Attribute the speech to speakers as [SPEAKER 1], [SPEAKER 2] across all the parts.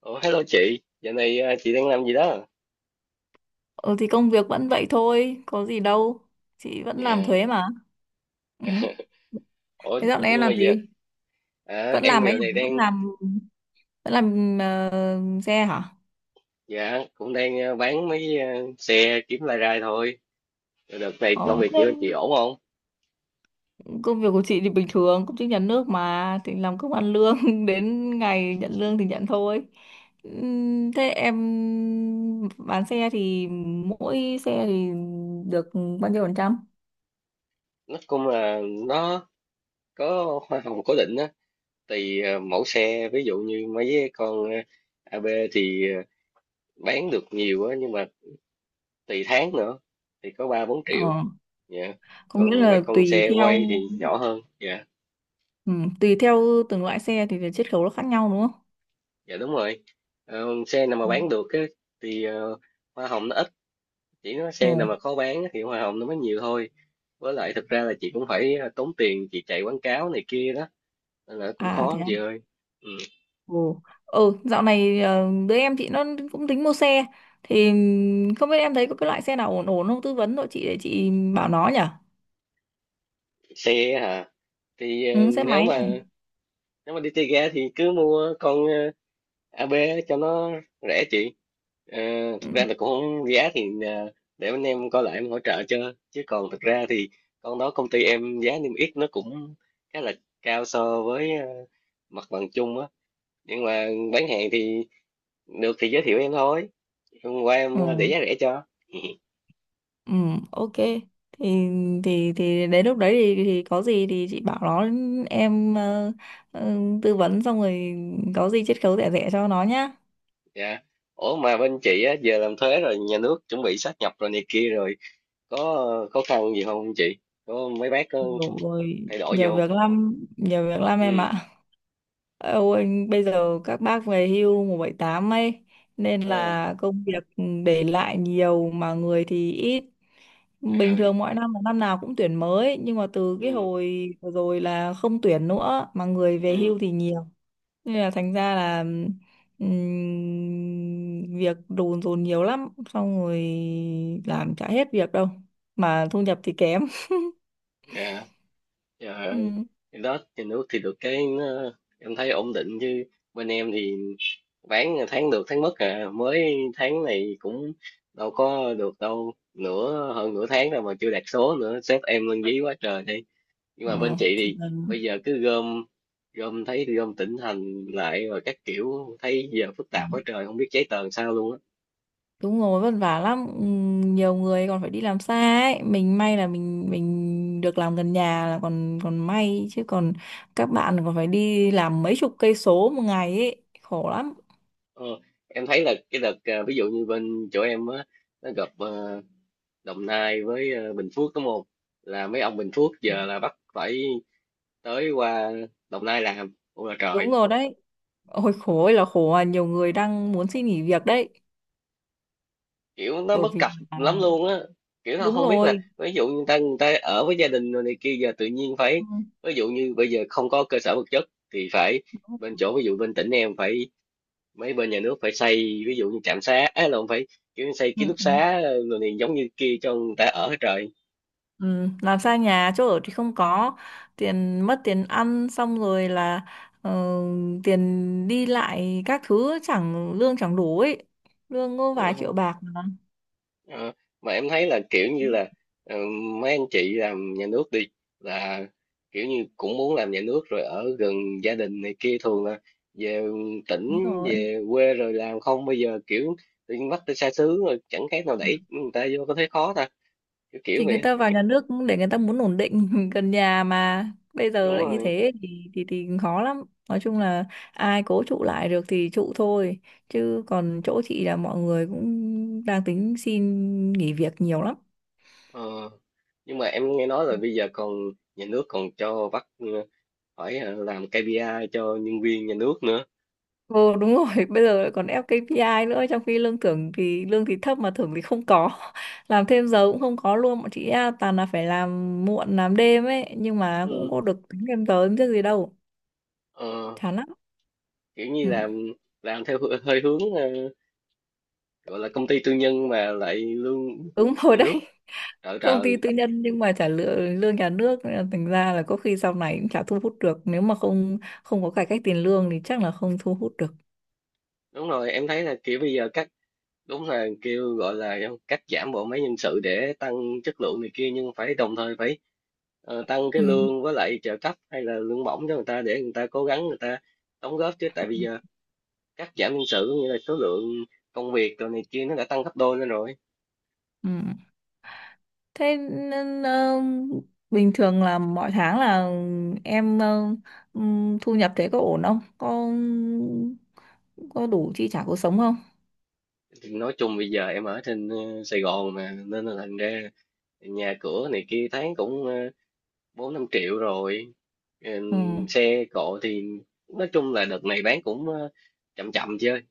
[SPEAKER 1] Ủa, hello chị, giờ này chị đang làm gì đó?
[SPEAKER 2] Ừ thì công việc vẫn vậy thôi, có gì đâu. Chị vẫn làm
[SPEAKER 1] Dạ.
[SPEAKER 2] thuế mà. Ừ.
[SPEAKER 1] Ủa,
[SPEAKER 2] Thế dạo này em
[SPEAKER 1] nhưng mà
[SPEAKER 2] làm
[SPEAKER 1] giờ
[SPEAKER 2] gì? Vẫn
[SPEAKER 1] em
[SPEAKER 2] làm ấy
[SPEAKER 1] giờ này
[SPEAKER 2] hả? Vẫn
[SPEAKER 1] đang,
[SPEAKER 2] làm vẫn làm ờ, xe hả?
[SPEAKER 1] dạ, cũng đang bán mấy xe kiếm lai rai thôi. Rồi đợt này
[SPEAKER 2] Ờ.
[SPEAKER 1] công việc
[SPEAKER 2] Thế,
[SPEAKER 1] chị ổn không?
[SPEAKER 2] công việc của chị thì bình thường, công chức nhà nước mà thì làm công ăn lương đến ngày nhận lương thì nhận thôi. Thế em bán xe thì mỗi xe thì được bao nhiêu phần trăm?
[SPEAKER 1] Nó cũng là nó có hoa hồng cố định á, tùy mẫu xe, ví dụ như mấy cái con AB thì bán được nhiều á, nhưng mà tùy tháng nữa thì có 3-4 triệu,
[SPEAKER 2] Ờ,
[SPEAKER 1] dạ.
[SPEAKER 2] có nghĩa
[SPEAKER 1] Còn mấy
[SPEAKER 2] là
[SPEAKER 1] con
[SPEAKER 2] tùy
[SPEAKER 1] xe quay
[SPEAKER 2] theo
[SPEAKER 1] thì nhỏ hơn, dạ.
[SPEAKER 2] ừ, tùy theo từng loại xe thì cái chiết khấu nó khác nhau, đúng không?
[SPEAKER 1] Dạ đúng rồi. Xe nào mà bán được á, thì hoa hồng nó ít, chỉ có xe
[SPEAKER 2] Ừ.
[SPEAKER 1] nào mà khó bán á thì hoa hồng nó mới nhiều thôi. Với lại thực ra là chị cũng phải tốn tiền chị chạy quảng cáo này kia đó, nên là cũng
[SPEAKER 2] À
[SPEAKER 1] khó
[SPEAKER 2] thế
[SPEAKER 1] lắm
[SPEAKER 2] à?
[SPEAKER 1] chị ơi. Ừ.
[SPEAKER 2] Ừ. Ừ, dạo này đứa em chị nó cũng tính mua xe thì không biết em thấy có cái loại xe nào ổn ổn không, tư vấn cho chị để chị bảo nó nhỉ.
[SPEAKER 1] Xe hả? Thì
[SPEAKER 2] Ừ, xe
[SPEAKER 1] nếu
[SPEAKER 2] máy này.
[SPEAKER 1] mà nếu mà đi chơi ga thì cứ mua con AB cho nó rẻ chị. Ờ,
[SPEAKER 2] Ừ.
[SPEAKER 1] Thực ra là cũng không, giá thì để anh em coi lại em hỗ trợ cho, chứ còn thực ra thì con đó công ty em giá niêm yết nó cũng khá là cao so với mặt bằng chung á, nhưng mà bán hàng thì được thì giới thiệu em thôi. Hôm qua em
[SPEAKER 2] Ừ.
[SPEAKER 1] để giá rẻ cho.
[SPEAKER 2] Ừ, ok. Thì thì đến lúc đấy thì có gì thì chị bảo nó em tư vấn xong rồi có gì chiết khấu rẻ rẻ cho nó nhá.
[SPEAKER 1] Dạ, ủa mà bên chị á giờ làm thuế rồi, nhà nước chuẩn bị sáp nhập rồi này kia rồi, có khó khăn gì không chị, có mấy bác có
[SPEAKER 2] Nhiều
[SPEAKER 1] thay đổi gì không?
[SPEAKER 2] nhiều việc lắm em
[SPEAKER 1] Ừ.
[SPEAKER 2] ạ. Âu anh bây giờ các bác về hưu 178 ấy, nên
[SPEAKER 1] ờ,
[SPEAKER 2] là công việc để lại nhiều mà người thì ít.
[SPEAKER 1] Trời
[SPEAKER 2] Bình
[SPEAKER 1] ơi,
[SPEAKER 2] thường mỗi năm là năm nào cũng tuyển mới, nhưng mà từ cái
[SPEAKER 1] ừ,
[SPEAKER 2] hồi vừa rồi là không tuyển nữa mà người về
[SPEAKER 1] ừm,
[SPEAKER 2] hưu thì nhiều. Nên là thành ra là việc đồn dồn nhiều lắm, xong rồi làm chả hết việc đâu mà thu nhập thì kém.
[SPEAKER 1] dạ, trời ơi.
[SPEAKER 2] Ừ.
[SPEAKER 1] Thì đó, thì nước thì được cái nó, em thấy ổn định chứ. Bên em thì bán tháng được tháng mất mới tháng này cũng đâu có được đâu, nửa hơn nửa tháng rồi mà chưa đạt số nữa, sếp em lên dí quá trời đi. Nhưng
[SPEAKER 2] Ờ,
[SPEAKER 1] mà bên chị
[SPEAKER 2] thì
[SPEAKER 1] thì
[SPEAKER 2] là
[SPEAKER 1] bây giờ cứ gom, gom thấy gom tỉnh thành lại rồi các kiểu, thấy giờ phức tạp quá trời, không biết giấy tờ làm sao luôn á.
[SPEAKER 2] đúng rồi, vất vả lắm. Ừ, nhiều người còn phải đi làm xa ấy, mình may là mình được làm gần nhà là còn còn may, chứ còn các bạn còn phải đi làm mấy chục cây số một ngày ấy, khổ lắm.
[SPEAKER 1] Ờ, em thấy là cái đợt ví dụ như bên chỗ em á, nó gặp Đồng Nai với Bình Phước đúng không, là mấy ông Bình Phước giờ là bắt phải tới qua Đồng Nai làm, ôi là
[SPEAKER 2] Đúng
[SPEAKER 1] trời.
[SPEAKER 2] rồi đấy, ôi khổ ơi là khổ. À, nhiều người đang muốn xin nghỉ việc đấy,
[SPEAKER 1] Kiểu nó
[SPEAKER 2] bởi
[SPEAKER 1] bất
[SPEAKER 2] vì
[SPEAKER 1] cập lắm luôn á, kiểu nó
[SPEAKER 2] đúng
[SPEAKER 1] không biết là
[SPEAKER 2] rồi,
[SPEAKER 1] ví dụ như người ta ở với gia đình rồi này kia giờ tự nhiên phải,
[SPEAKER 2] ừ.
[SPEAKER 1] ví dụ như bây giờ không có cơ sở vật chất thì phải bên chỗ, ví dụ bên tỉnh em phải mấy bên nhà nước phải xây ví dụ như trạm xá á, là không phải kiểu xây ký
[SPEAKER 2] Ừ.
[SPEAKER 1] túc
[SPEAKER 2] Ừ.
[SPEAKER 1] xá rồi này giống như kia cho người ta ở hết trời.
[SPEAKER 2] Ừ, làm xa nhà, chỗ ở thì không có, tiền mất tiền ăn, xong rồi là ờ, tiền đi lại các thứ chẳng lương chẳng đủ ấy, lương có
[SPEAKER 1] Ờ,
[SPEAKER 2] vài triệu bạc mà.
[SPEAKER 1] Ờ, ờ, mà em thấy là kiểu như là ờ, mấy anh chị làm nhà nước đi là kiểu như cũng muốn làm nhà nước rồi ở gần gia đình này kia, thường là về tỉnh
[SPEAKER 2] Đúng rồi.
[SPEAKER 1] về quê rồi làm, không bây giờ kiểu tự nhiên bắt tới xa xứ, rồi chẳng khác nào
[SPEAKER 2] Ừ.
[SPEAKER 1] đẩy người ta vô, có thấy khó ta, kiểu kiểu
[SPEAKER 2] Thì người
[SPEAKER 1] vậy.
[SPEAKER 2] ta vào nhà nước cũng để người ta muốn ổn định gần nhà mà, bây
[SPEAKER 1] Đúng
[SPEAKER 2] giờ lại như
[SPEAKER 1] rồi.
[SPEAKER 2] thế thì khó lắm. Nói chung là ai cố trụ lại được thì trụ thôi, chứ còn chỗ chị là mọi người cũng đang tính xin nghỉ việc nhiều lắm.
[SPEAKER 1] ờ. Nhưng mà em nghe nói là bây giờ còn nhà nước còn cho bắt phải làm KPI cho nhân viên nhà nước nữa.
[SPEAKER 2] Ồ đúng rồi, bây giờ lại còn ép KPI nữa, trong khi lương thưởng thì lương thì thấp mà thưởng thì không có. Làm thêm giờ cũng không có luôn, bọn chị à, toàn là phải làm muộn làm đêm ấy, nhưng mà cũng
[SPEAKER 1] Ừ.
[SPEAKER 2] có được tính thêm giờ chứ gì đâu.
[SPEAKER 1] ờ,
[SPEAKER 2] Chán lắm.
[SPEAKER 1] Kiểu như
[SPEAKER 2] Ừ.
[SPEAKER 1] làm theo hơi hướng gọi là công ty tư nhân mà lại lương
[SPEAKER 2] Đúng rồi
[SPEAKER 1] nhà
[SPEAKER 2] đấy.
[SPEAKER 1] nước. Trợ
[SPEAKER 2] Công ty
[SPEAKER 1] trời.
[SPEAKER 2] tư nhân nhưng mà trả lương lương nhà nước, nên là thành ra là có khi sau này cũng chả thu hút được, nếu mà không không có cải cách tiền lương thì chắc là không thu hút được.
[SPEAKER 1] Đúng rồi, em thấy là kiểu bây giờ cắt, đúng là kêu gọi là cắt giảm bộ máy nhân sự để tăng chất lượng này kia, nhưng phải đồng thời phải tăng cái
[SPEAKER 2] Ừ.
[SPEAKER 1] lương với lại trợ cấp hay là lương bổng cho người ta, để người ta cố gắng, người ta đóng góp. Chứ tại bây giờ cắt giảm nhân sự có nghĩa là số lượng công việc rồi này kia nó đã tăng gấp đôi lên rồi.
[SPEAKER 2] Ừ. Thế nên, bình thường là mỗi tháng là em thu nhập thế có ổn không? Có đủ chi trả cuộc sống không?
[SPEAKER 1] Thì nói chung bây giờ em ở trên Sài Gòn mà, nên là thành ra nhà cửa này kia thấy cũng 4-5 triệu rồi.
[SPEAKER 2] Ừ.
[SPEAKER 1] Ừm, xe cộ thì nói chung là đợt này bán cũng chậm chậm chơi.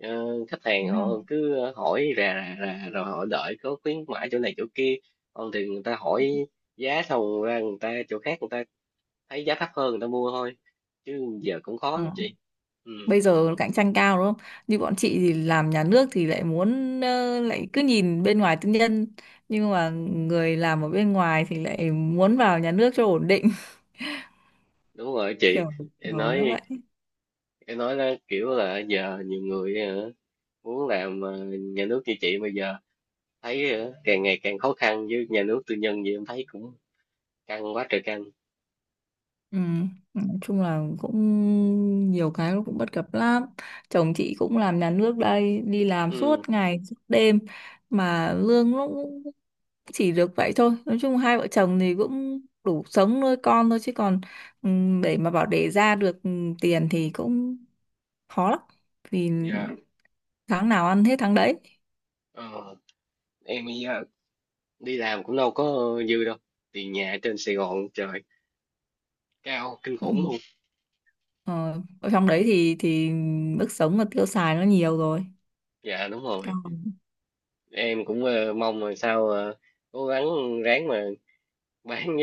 [SPEAKER 1] Khách hàng
[SPEAKER 2] Đúng rồi.
[SPEAKER 1] họ cứ hỏi rà rà rà rồi họ đợi có khuyến mãi chỗ này chỗ kia, còn thì người ta hỏi giá xong ra người ta chỗ khác, người ta thấy giá thấp hơn người ta mua thôi, chứ giờ cũng khó
[SPEAKER 2] Ừ.
[SPEAKER 1] lắm chị. Ừ,
[SPEAKER 2] Bây giờ cạnh tranh cao đúng không? Như bọn chị thì làm nhà nước thì lại muốn lại cứ nhìn bên ngoài tư nhân, nhưng mà người làm ở bên ngoài thì lại muốn vào nhà nước cho ổn định.
[SPEAKER 1] đúng rồi chị.
[SPEAKER 2] kiểu
[SPEAKER 1] em
[SPEAKER 2] kiểu nó
[SPEAKER 1] nói
[SPEAKER 2] vậy.
[SPEAKER 1] em nói là kiểu là giờ nhiều người muốn làm nhà nước như chị. Bây giờ thấy càng ngày càng khó khăn, với nhà nước tư nhân gì em thấy cũng căng quá trời căng.
[SPEAKER 2] Ừ. Nói chung là cũng nhiều cái nó cũng bất cập lắm, chồng chị cũng làm nhà nước đây, đi làm suốt
[SPEAKER 1] Ừ.
[SPEAKER 2] ngày suốt đêm mà lương nó cũng chỉ được vậy thôi. Nói chung hai vợ chồng thì cũng đủ sống nuôi con thôi, chứ còn ừ, để mà bảo để ra được ừ, tiền thì cũng khó lắm, vì
[SPEAKER 1] Dạ,
[SPEAKER 2] tháng nào ăn hết tháng đấy.
[SPEAKER 1] ờ, em bây giờ đi làm cũng đâu có dư đâu, tiền nhà ở trên Sài Gòn trời, cao kinh
[SPEAKER 2] Ừ.
[SPEAKER 1] khủng luôn.
[SPEAKER 2] ờ, Ở trong đấy thì mức sống và tiêu xài nó nhiều rồi,
[SPEAKER 1] Dạ đúng rồi,
[SPEAKER 2] cao.
[SPEAKER 1] em cũng mong là sao cố gắng ráng mà bán.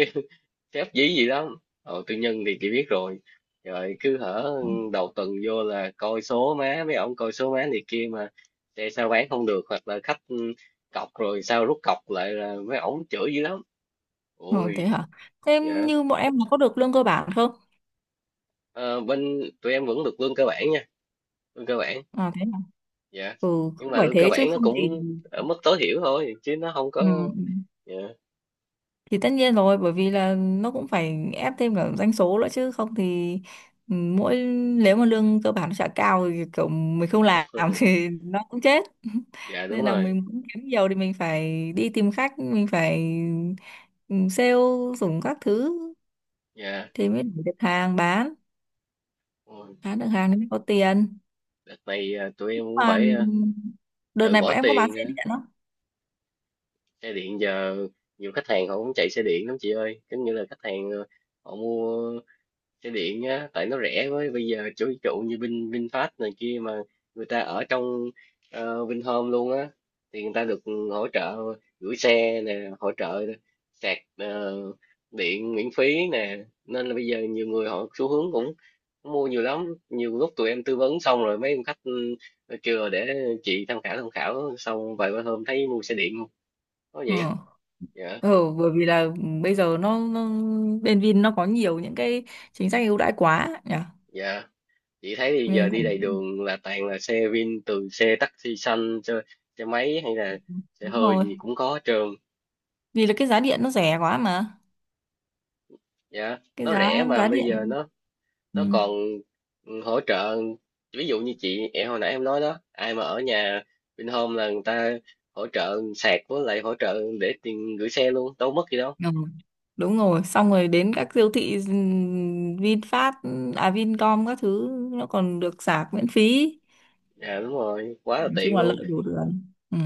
[SPEAKER 1] Sếp dí gì lắm, tư nhân thì chị biết rồi, rồi cứ hở đầu tuần vô là coi số má mấy ông, coi số má này kia mà, xe sao bán không được, hoặc là khách cọc rồi sao rút cọc lại là mấy ổng chửi dữ lắm.
[SPEAKER 2] Ờ, thế
[SPEAKER 1] Ôi.
[SPEAKER 2] hả? Thế
[SPEAKER 1] Dạ.
[SPEAKER 2] như bọn em nó có được lương cơ bản không?
[SPEAKER 1] Ờ, Bên tụi em vẫn được lương cơ bản nha, lương cơ bản.
[SPEAKER 2] À thế hả?
[SPEAKER 1] Dạ.
[SPEAKER 2] Ừ, cũng
[SPEAKER 1] Nhưng mà
[SPEAKER 2] phải
[SPEAKER 1] lương cơ
[SPEAKER 2] thế chứ
[SPEAKER 1] bản nó
[SPEAKER 2] không thì
[SPEAKER 1] cũng ở mức tối thiểu thôi, chứ nó không có.
[SPEAKER 2] ừ, ừ.
[SPEAKER 1] Dạ.
[SPEAKER 2] Thì tất nhiên rồi, bởi vì là nó cũng phải ép thêm cả doanh số nữa chứ không thì ừ, nếu mà lương cơ bản nó chả cao thì kiểu mình không làm thì nó cũng chết.
[SPEAKER 1] Dạ đúng
[SPEAKER 2] Nên là
[SPEAKER 1] rồi.
[SPEAKER 2] mình muốn kiếm nhiều thì mình phải đi tìm khách, mình phải sale dùng các thứ
[SPEAKER 1] Dạ.
[SPEAKER 2] thì mới đủ được hàng
[SPEAKER 1] Ôi,
[SPEAKER 2] bán được hàng thì mới có tiền.
[SPEAKER 1] đợt này tụi em cũng
[SPEAKER 2] Mà
[SPEAKER 1] phải
[SPEAKER 2] đợt
[SPEAKER 1] tự
[SPEAKER 2] này
[SPEAKER 1] bỏ
[SPEAKER 2] bọn em có bán
[SPEAKER 1] tiền
[SPEAKER 2] xe điện lắm.
[SPEAKER 1] xe điện giờ nhiều khách hàng họ cũng chạy xe điện lắm chị ơi, giống như là khách hàng họ mua xe điện á tại nó rẻ. Với bây giờ chủ ví dụ như VinFast này kia mà, người ta ở trong Vinhome luôn á, thì người ta được hỗ trợ gửi xe nè, hỗ trợ sạc điện miễn phí nè. Nên là bây giờ nhiều người họ xu hướng cũng mua nhiều lắm. Nhiều lúc tụi em tư vấn xong rồi mấy ông khách kêu là để chị tham khảo, tham khảo xong vài ba hôm thấy mua xe điện, có
[SPEAKER 2] Ừ.
[SPEAKER 1] vậy á. Dạ.
[SPEAKER 2] Ừ, bởi vì là bây giờ nó bên Vin nó có nhiều những cái chính sách ưu đãi quá nhỉ,
[SPEAKER 1] Dạ, chị thấy thì giờ
[SPEAKER 2] nên
[SPEAKER 1] đi đầy đường là toàn là xe Vin, từ xe taxi xanh cho xe máy hay là xe
[SPEAKER 2] đúng
[SPEAKER 1] hơi
[SPEAKER 2] rồi,
[SPEAKER 1] gì cũng có hết trơn.
[SPEAKER 2] vì là cái giá điện nó rẻ quá mà.
[SPEAKER 1] Dạ.
[SPEAKER 2] Cái
[SPEAKER 1] Nó
[SPEAKER 2] giá
[SPEAKER 1] rẻ mà
[SPEAKER 2] giá
[SPEAKER 1] bây giờ
[SPEAKER 2] điện,
[SPEAKER 1] nó
[SPEAKER 2] ừ.
[SPEAKER 1] nó còn hỗ trợ, ví dụ như chị, em hồi nãy em nói đó, ai mà ở nhà Vinhome là người ta hỗ trợ sạc với lại hỗ trợ để tiền gửi xe luôn, đâu mất gì đâu.
[SPEAKER 2] Ừ. Đúng rồi, xong rồi đến các siêu thị VinFast, à Vincom các thứ nó còn được sạc miễn phí.
[SPEAKER 1] Dạ đúng rồi, quá là
[SPEAKER 2] Nói
[SPEAKER 1] tiện
[SPEAKER 2] chung là
[SPEAKER 1] luôn.
[SPEAKER 2] lợi đủ đường, ừ.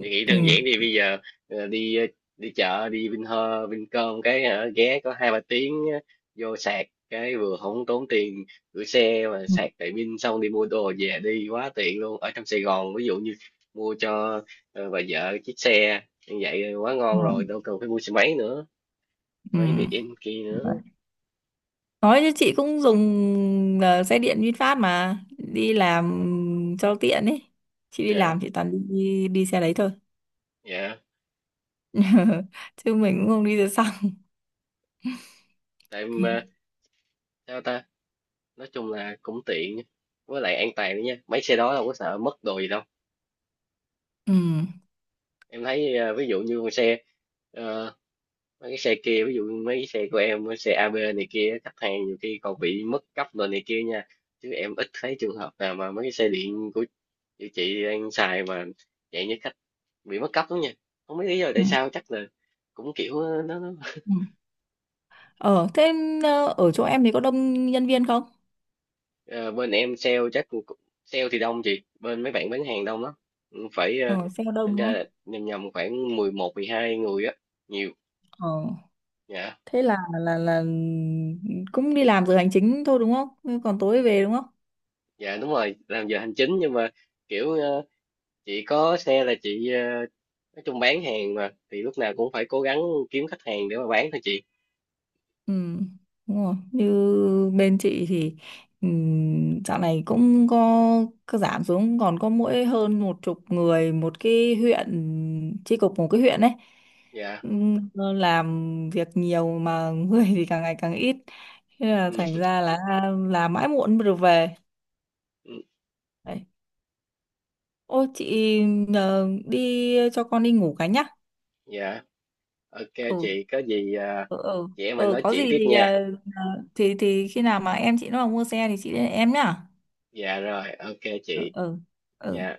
[SPEAKER 1] Chị nghĩ đơn
[SPEAKER 2] Ừ.
[SPEAKER 1] giản thì bây giờ đi đi chợ đi Vinhome Vincom cái ghé có 2-3 tiếng vô sạc cái vừa không tốn tiền gửi xe mà
[SPEAKER 2] Ừ.
[SPEAKER 1] sạc tại Vin, xong đi mua đồ về, đi quá tiện luôn. Ở trong Sài Gòn ví dụ như mua cho bà vợ chiếc xe như vậy quá ngon rồi, đâu cần phải mua xe máy nữa, xe
[SPEAKER 2] Ừ.
[SPEAKER 1] máy điện kia nữa.
[SPEAKER 2] Ừ. Nói chứ chị cũng dùng xe điện VinFast mà đi làm cho tiện ấy. Chị đi
[SPEAKER 1] Dạ.
[SPEAKER 2] làm chị toàn đi đi xe đấy thôi.
[SPEAKER 1] Dạ,
[SPEAKER 2] Chứ mình cũng không đi xe xăng.
[SPEAKER 1] tại
[SPEAKER 2] Ừ.
[SPEAKER 1] mà sao ta, nói chung là cũng tiện, với lại an toàn nữa nha, mấy xe đó đâu có sợ mất đồ gì đâu.
[SPEAKER 2] Ừ.
[SPEAKER 1] Em thấy ví dụ như con xe ờ, mấy cái xe kia, ví dụ như mấy cái xe của em, mấy xe AB này kia khách hàng nhiều khi còn bị mất cấp rồi này kia nha, chứ em ít thấy trường hợp nào mà mấy cái xe điện của chị đang xài mà, dạng như khách bị mất cấp lắm nha. Không biết lý do
[SPEAKER 2] Ừ.
[SPEAKER 1] tại sao, chắc là cũng kiểu.
[SPEAKER 2] Ừ. Ờ thế ở chỗ em thì có đông nhân viên không?
[SPEAKER 1] Ờ, Bên em sale chắc sale thì đông chị, bên mấy bạn bán hàng đông lắm. Ừ, phải
[SPEAKER 2] Ờ xe có đông
[SPEAKER 1] tính
[SPEAKER 2] đúng
[SPEAKER 1] ra là
[SPEAKER 2] không?
[SPEAKER 1] nhầm nhầm khoảng 11-12 người á, nhiều.
[SPEAKER 2] Ờ
[SPEAKER 1] Dạ.
[SPEAKER 2] thế là cũng đi làm giờ hành chính thôi đúng không? Còn tối về đúng không?
[SPEAKER 1] Dạ đúng rồi, làm giờ hành chính nhưng mà kiểu, chị có xe là chị nói chung bán hàng mà thì lúc nào cũng phải cố gắng kiếm khách hàng để mà bán thôi chị.
[SPEAKER 2] Ừ, đúng rồi. Như bên chị thì dạo này cũng có giảm xuống còn có mỗi hơn một chục người một cái huyện, chi cục một cái huyện ấy.
[SPEAKER 1] Dạ.
[SPEAKER 2] Ừm, làm việc nhiều mà người thì càng ngày càng ít, thế là thành
[SPEAKER 1] Ừ.
[SPEAKER 2] ra là làm mãi muộn mới được về.
[SPEAKER 1] Ừ,
[SPEAKER 2] Đấy. Ô chị đi cho con đi ngủ cái nhá.
[SPEAKER 1] dạ ok
[SPEAKER 2] Ừ,
[SPEAKER 1] chị, có gì
[SPEAKER 2] ừ. Ừ,
[SPEAKER 1] chị em mình
[SPEAKER 2] ừ
[SPEAKER 1] nói
[SPEAKER 2] có
[SPEAKER 1] chuyện
[SPEAKER 2] gì
[SPEAKER 1] tiếp
[SPEAKER 2] thì
[SPEAKER 1] nha.
[SPEAKER 2] ờ, thì khi nào mà em chị nó mà mua xe thì chị đến em nhá.
[SPEAKER 1] Dạ rồi ok
[SPEAKER 2] Ừ,
[SPEAKER 1] chị.
[SPEAKER 2] ừ, ừ.
[SPEAKER 1] Dạ.